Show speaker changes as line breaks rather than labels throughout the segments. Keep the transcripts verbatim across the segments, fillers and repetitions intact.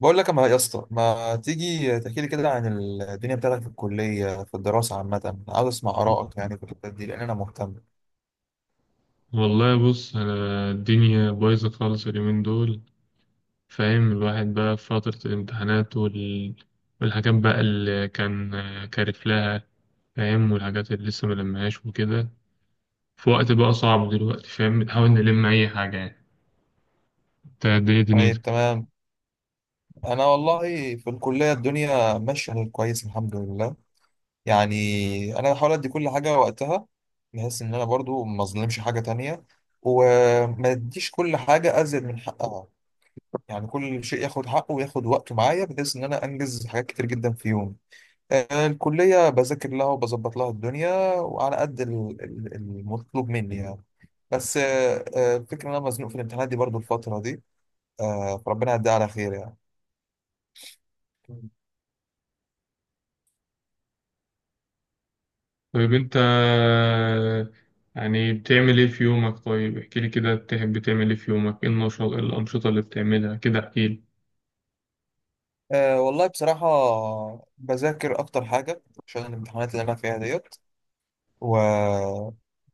بقول لك، ما يا اسطى، ما تيجي تحكي لي كده عن الدنيا بتاعتك في الكلية، في الدراسة عامة. عاوز اسمع آرائك يعني في الحتة دي، لأن أنا مهتم.
والله بص، أنا الدنيا بايظة خالص اليومين دول فاهم. الواحد بقى في فترة الامتحانات وال... والحاجات بقى اللي كان كارف لها فاهم، والحاجات اللي لسه ملمهاش وكده، في وقت بقى صعب دلوقتي فاهم، بنحاول نلم أي حاجة يعني. انت الدنيا دنيتك.
طيب، تمام. أنا والله في الكلية الدنيا ماشية كويس، الحمد لله. يعني أنا بحاول أدي كل حاجة وقتها، بحيث إن أنا برضو ما أظلمش حاجة تانية، وما أديش كل حاجة أزيد من حقها. يعني كل شيء ياخد حقه وياخد وقته معايا، بحيث إن أنا أنجز حاجات كتير جدا في يوم. آه، الكلية بذاكر لها وبظبط لها الدنيا، وعلى قد ال- ال- المطلوب مني يعني. بس، آه، آه، الفكرة إن أنا مزنوق في الامتحانات دي برضو الفترة دي. آه، فربنا يعديها على خير يعني.
طيب انت، يعني بتعمل ايه في يومك؟ طيب احكيلي كده، بتحب تعمل ايه في يومك؟ ايه النشاط، ايه الأنشطة اللي بتعملها كده؟ احكيلي.
آه، والله بصراحة بذاكر أكتر حاجة عشان الامتحانات اللي أنا فيها ديت. و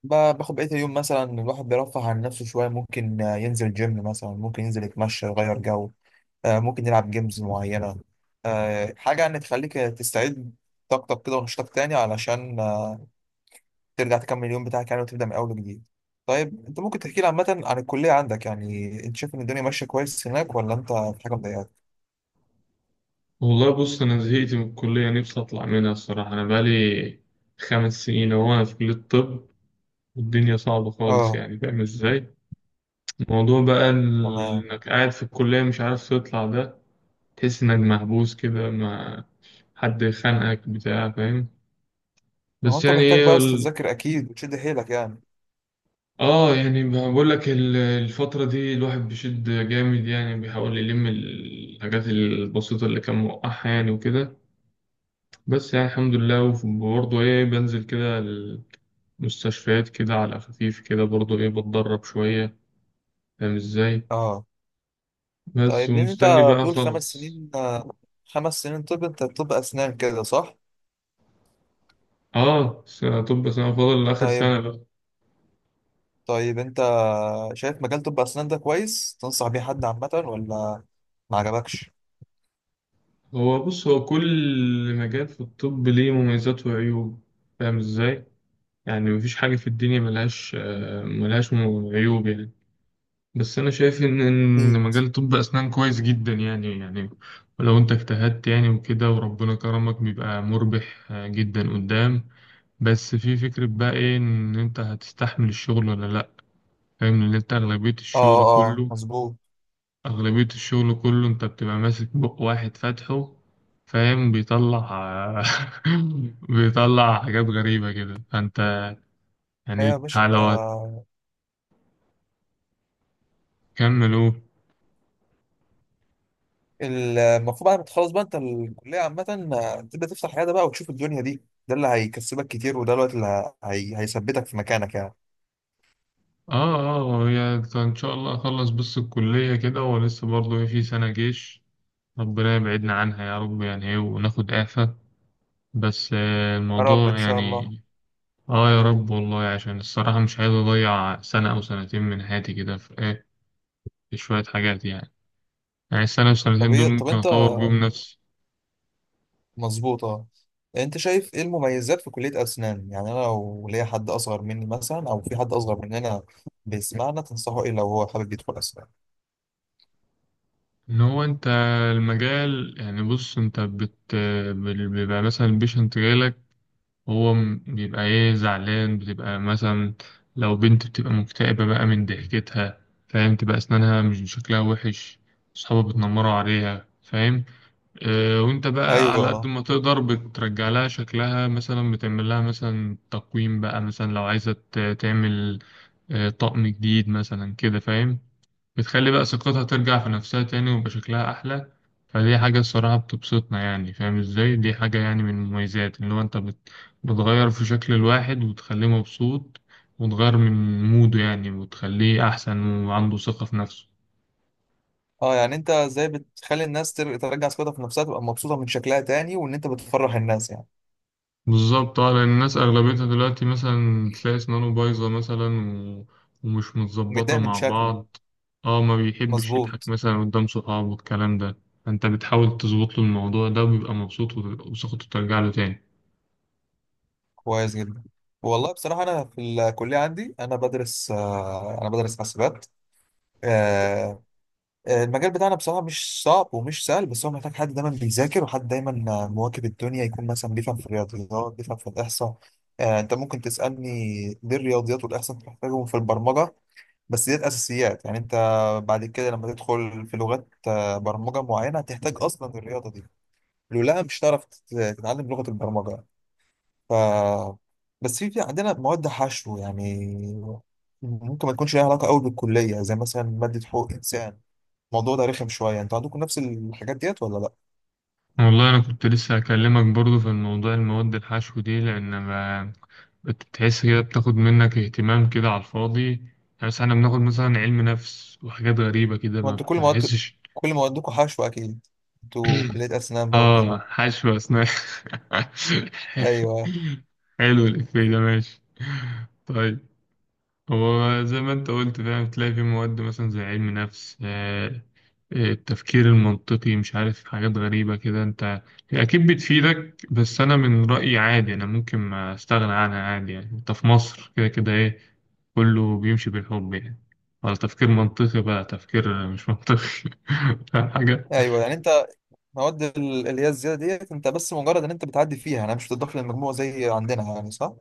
ب- باخد بقية اليوم مثلا، الواحد بيرفه عن نفسه شوية. ممكن آه، ينزل جيم مثلا، ممكن ينزل يتمشى، يغير جو. آه، ممكن نلعب جيمز معينة. آه، حاجة يعني تخليك تستعيد طاقتك كده ونشاطك تاني، علشان آه، ترجع تكمل اليوم بتاعك يعني، وتبدأ من أول وجديد. طيب، أنت ممكن تحكي لي عامة عن الكلية عندك؟ يعني أنت شايف إن الدنيا ماشية كويس هناك، ولا أنت في حاجة مضايقاك؟
والله بص، أنا زهقت من الكلية نفسي أطلع منها الصراحة. أنا بقالي خمس سنين أهو أنا في كلية الطب، والدنيا صعبة خالص
أه.
يعني، فاهم إزاي؟ الموضوع بقى ال-
تمام.
إنك قاعد في الكلية مش عارف تطلع ده. تحس إنك محبوس كده، ما حد خانقك بتاع، فاهم؟
ما هو
بس
أنت
يعني
محتاج
إيه
بقى بس
ال...
تذاكر أكيد وتشد حيلك يعني.
آه يعني، بقول لك ال- الفترة دي الواحد بيشد جامد يعني، بيحاول يلم الحاجات البسيطة اللي كان موقعها يعني وكده. بس يعني الحمد لله، وبرضه إيه بنزل كده مستشفيات كده على خفيف، كده برضو ايه بتدرب شوية فاهم ازاي.
أه.
بس
طيب، أنت
ومستني بقى
بتقول خمس
اخلص.
سنين؟ آه، خمس سنين. طب أنت طب أسنان كده، صح؟
اه سنة طب، سنة فاضل لآخر
طيب.
سنة بقى.
طيب، أنت شايف مجال طب أسنان ده كويس؟ تنصح بيه حد عامة، ولا ما عجبكش؟
هو بص، هو كل مجال في الطب ليه مميزات وعيوب فاهم ازاي. يعني مفيش حاجة في الدنيا ملهاش، آه، ملهاش م- عيوب يعني. بس انا شايف ان إن
اكيد.
مجال طب اسنان كويس جدا يعني يعني. ولو انت اجتهدت يعني وكده وربنا كرمك، بيبقى مربح آه، جدا قدام. بس في فكرة بقى إيه، إن أنت هتستحمل الشغل ولا لأ. فاهم إن أنت أغلبية
اه.
الشغل
اه،
كله،
مظبوط.
أغلبية الشغل كله أنت بتبقى ماسك بق واحد فاتحه فاهم، بيطلع بيطلع حاجات غريبة كده، فأنت
ايوه
يعني
يا باشا، انت
لو هتكمل أهو.
المفروض بعد ما تخلص بقى انت الكليه عامه، آه، تبدا تفتح عياده بقى وتشوف الدنيا دي. ده اللي هيكسبك كتير، وده الوقت اللي ه- هي... هيثبتك في مكانك يعني.
آه، آه، هي إن شاء الله أخلص بس الكلية كده، ولسه برضه إيه في سنة جيش ربنا يبعدنا عنها يا رب، يعني إيه، وناخد إعفاء. بس آه،
يا رب ان
الموضوع
شاء الله.
يعني. اه يا رب، والله عشان الصراحة مش عايز أضيع سنة أو سنتين من حياتي كده في إيه، في شوية حاجات يعني. يعني السنة
طب
والسنتين دول
ايه؟ طب
ممكن
انت،
أطور بيهم نفسي.
مظبوط، اه. انت شايف ايه المميزات في كليه اسنان؟ يعني انا لو ليا حد اصغر مني مثلا، او في حد اصغر مننا بيسمعنا، تنصحه ايه لو هو حابب يدخل اسنان؟
إن هو أنت المجال يعني، بص أنت بت بال- بيبقى مثلا البيشنت جايلك. هو م- بيبقى إيه زعلان، بتبقى مثلا لو بنت بتبقى مكتئبة بقى من ضحكتها فاهم، تبقى أسنانها مش شكلها وحش، أصحابها بتنمروا عليها فاهم. آه، وانت بقى على قد
ايوه.
ما تقدر بترجع لها شكلها، مثلا بتعمل لها مثلا تقويم بقى، مثلا لو عايزة ت- تعمل آه، طقم جديد مثلا كده فاهم. بتخلي بقى ثقتها ترجع في نفسها تاني ويبقى شكلها أحلى. فدي حاجة الصراحة بتبسطنا يعني، فاهم ازاي، دي حاجة يعني من المميزات اللي هو انت بت- بتغير في شكل الواحد وتخليه مبسوط، وتغير من موده يعني وتخليه أحسن وعنده ثقة في نفسه.
اه، يعني انت ازاي بتخلي الناس تر- ترجع ثقتها في نفسها، تبقى مبسوطه من شكلها تاني، وان انت بتفرح الناس يعني.
بالظبط، اه لان الناس اغلبيتها دلوقتي مثلا تلاقي اسنانه بايظه مثلا و... ومش متظبطه
متضايق من
مع
شكله.
بعض. اه، ما بيحبش يضحك
مظبوط.
مثلا قدام صحابه والكلام ده. انت بتحاول تظبط له الموضوع ده وبيبقى مبسوط و- وثقته ترجع له تاني.
كويس جدا. والله بصراحه انا في الكليه عندي، انا بدرس آه، انا بدرس حاسبات. آه، آه، المجال بتاعنا بصراحه مش صعب ومش سهل، بس هو محتاج حد دايما بيذاكر، وحد دايما آه، مواكب الدنيا، يكون مثلا بيفهم في الرياضيات، بيفهم في الاحصاء. آه، انت ممكن تسالني ليه الرياضيات والاحصاء بتحتاجهم في البرمجه. بس ديت اساسيات يعني، انت بعد كده لما تدخل في لغات آه، برمجه معينه، هتحتاج اصلا الرياضه دي. لولا مش هتعرف تت- تتعلم لغه البرمجه. ف بس في في عندنا مواد حشو يعني، ممكن ما تكونش ليها علاقه قوي بالكليه، زي مثلا ماده حقوق انسان. الموضوع ده رخم شويه، انتوا عندكم نفس الحاجات ديت ولا لا؟
والله انا كنت لسه هكلمك برضو في الموضوع، المواد الحشو دي، لان ما بتحس كده بتاخد منك اهتمام كده على الفاضي يعني. مثلا احنا بناخد مثلا علم نفس وحاجات غريبه كده
ما
ما
انتوا كل مواد
بتحسش.
كل موادكم حشو اكيد. انتوا كليه اسنان بقى وكده.
اه، حشو اسنان.
ايوه.
حلو الإفيه ده، ماشي. طيب هو زي ما انت قلت فاهم، تلاقي في مواد مثلا زي علم نفس آه، آه، التفكير المنطقي، مش عارف، حاجات غريبة كده انت. هي أكيد بتفيدك، بس أنا من رأيي عادي، أنا ممكن ما أستغنى عنها عادي يعني. انت في مصر كده كده إيه، كله بيمشي بالحب يعني، ولا تفكير منطقي بقى تفكير مش منطقي. فاهم حاجة.
ايوه، يعني انت المواد ال- اللي هي الزياده ديت، انت بس مجرد ان انت بتعدي فيها، انا مش بتضاف للمجموع زي عندنا يعني، صح؟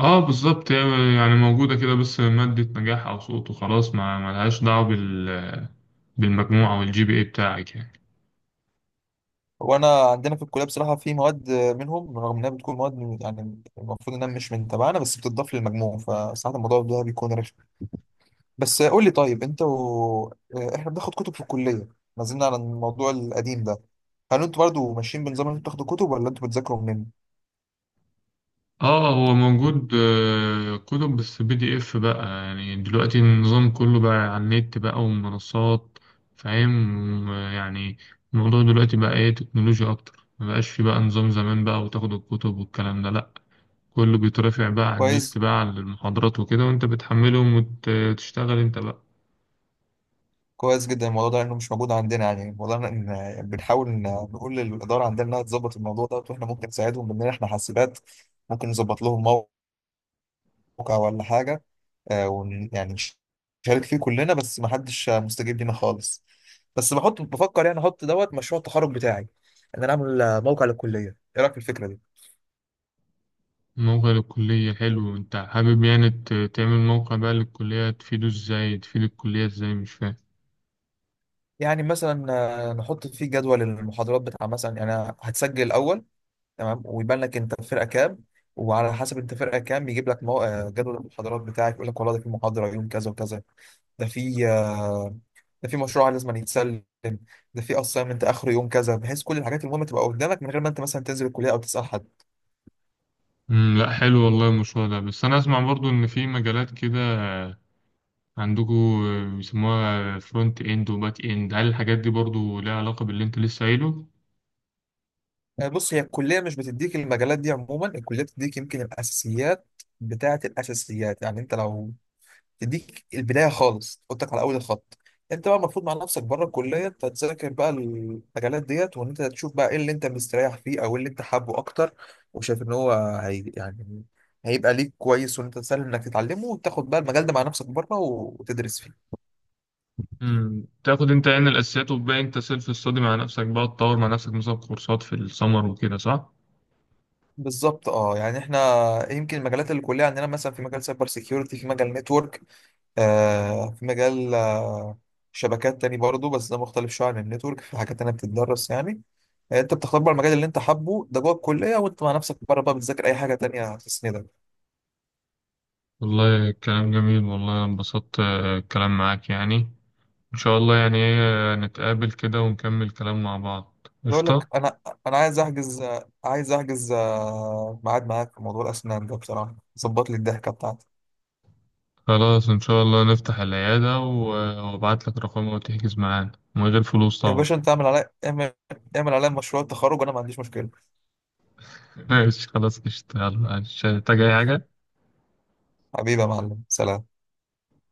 اه بالظبط، هي يعني موجودة كده، بس مادة نجاح أو سقوط وخلاص، ما ملهاش دعوة بال بالمجموعة والجي بي اي بتاعك يعني.
وانا عندنا في الكليه بصراحه في مواد منهم، رغم انها بتكون مواد من- يعني المفروض انها مش من تبعنا، بس بتضاف للمجموع، فساعات الموضوع ده بيكون رخم. بس قول لي، طيب انت و... اه، احنا بناخد كتب في الكليه، ما زلنا على الموضوع القديم ده. هل انتوا برضه ماشيين بنظام ان انتوا بتاخدوا كتب، ولا انتوا بتذاكروا منين؟
اه هو موجود، آه، كتب بس بي دي اف بقى، يعني دلوقتي النظام كله بقى على النت بقى ومنصات فاهم يعني. الموضوع دلوقتي بقى ايه، تكنولوجيا أكتر، مبقاش في بقى نظام زمان بقى وتاخد الكتب والكلام ده، لأ، كله بيترفع بقى على النت
كويس.
بقى على المحاضرات وكده، وانت بتحملهم وتشتغل انت بقى.
كويس جدا الموضوع ده، لانه مش موجود عندنا. يعني الموضوع ده ان بنحاول إن نقول للاداره عندنا انها تظبط الموضوع ده، واحنا ممكن نساعدهم بان احنا حاسبات ممكن نظبط لهم موقع ولا حاجه، آه، ون يعني نش- نشارك فيه كلنا، بس ما حدش آه، مستجيب لينا خالص. بس بحط بفكر يعني احط دوت مشروع التخرج بتاعي، ان انا اعمل آه، موقع للكليه، ايه رايك في الفكره دي؟
موقع للكلية، حلو. أنت حابب يعني ت- تعمل موقع بقى للكلية، تفيده إزاي، تفيد الكلية إزاي؟ مش فاهم.
يعني مثلا آه، نحط فيه جدول المحاضرات بتاع مثلا، يعني أنا هتسجل الاول. تمام، ويبان لك انت فرقه كام، وعلى حسب انت فرقه كام بيجيب لك مو... آه، جدول المحاضرات بتاعك، يقول لك والله ده في محاضره يوم كذا وكذا، ده في آه، ده في مشروع لازم يتسلم، ده في اسايمنت اخر يوم كذا، بحيث كل الحاجات المهمه تبقى قدامك من غير ما انت مثلا تنزل الكليه او تسال حد.
مم، لأ حلو والله المشروع ده، بس أنا أسمع برضو إن في مجالات كده عندكو بيسموها فرونت إند وباك إند، هل الحاجات دي برضو ليها علاقة باللي أنت لسه قايله؟
آه، بص، هي الكليه مش بتديك المجالات دي عموما، الكليه بتديك يمكن الاساسيات بتاعه الاساسيات. يعني انت لو تديك البدايه خالص، تحطك على اول الخط. انت بقى المفروض مع نفسك بره الكليه، انت تذاكر بقى المجالات ديت، وان انت تشوف بقى ايه اللي انت مستريح فيه، او إيه اللي انت حابه اكتر، وشايف ان هو هي يعني هيبقى ليك كويس، وان انت سهل انك تتعلمه، وتاخد بقى المجال ده مع نفسك بره وتدرس فيه.
مم، تاخد أنت يعني الأساسيات وتبقى أنت سيلف ستادي مع نفسك بقى، تطور مع نفسك مثلا كورسات في السمر وكده، صح؟
بالظبط اه، يعني احنا يمكن المجالات اللي الكليه عندنا، مثلا في مجال سايبر سيكيورتي، في مجال نتورك، آه في مجال آه شبكات تاني برضه، بس ده مختلف شويه عن النتورك، في حاجات تانية بتتدرس يعني. يعني انت بتختار بقى المجال اللي انت حابه ده جوه الكليه، وانت مع نفسك بره بقى بتذاكر اي حاجه تانية تسندك.
والله كلام جميل، والله أنا انبسطت آه، الكلام معاك يعني. إن شاء الله يعني إيه نتقابل كده ونكمل كلام مع بعض،
بيقول
قشطة.
لك انا انا عايز احجز عايز احجز آه، ميعاد معاك في موضوع الاسنان ده، بصراحه ظبط لي الضحكه بتاعتي.
خلاص إن شاء الله نفتح العيادة و- وأبعت لك رقمها وتحجز معانا من غير فلوس
يا
طبعا.
باشا انت، اعمل عليا اعمل اعمل عليا مشروع التخرج وانا ما عنديش مشكله.
ماشي خلاص قشطة، يلا مش هتحتاج أي حاجة.
حبيبي يا معلم، سلام.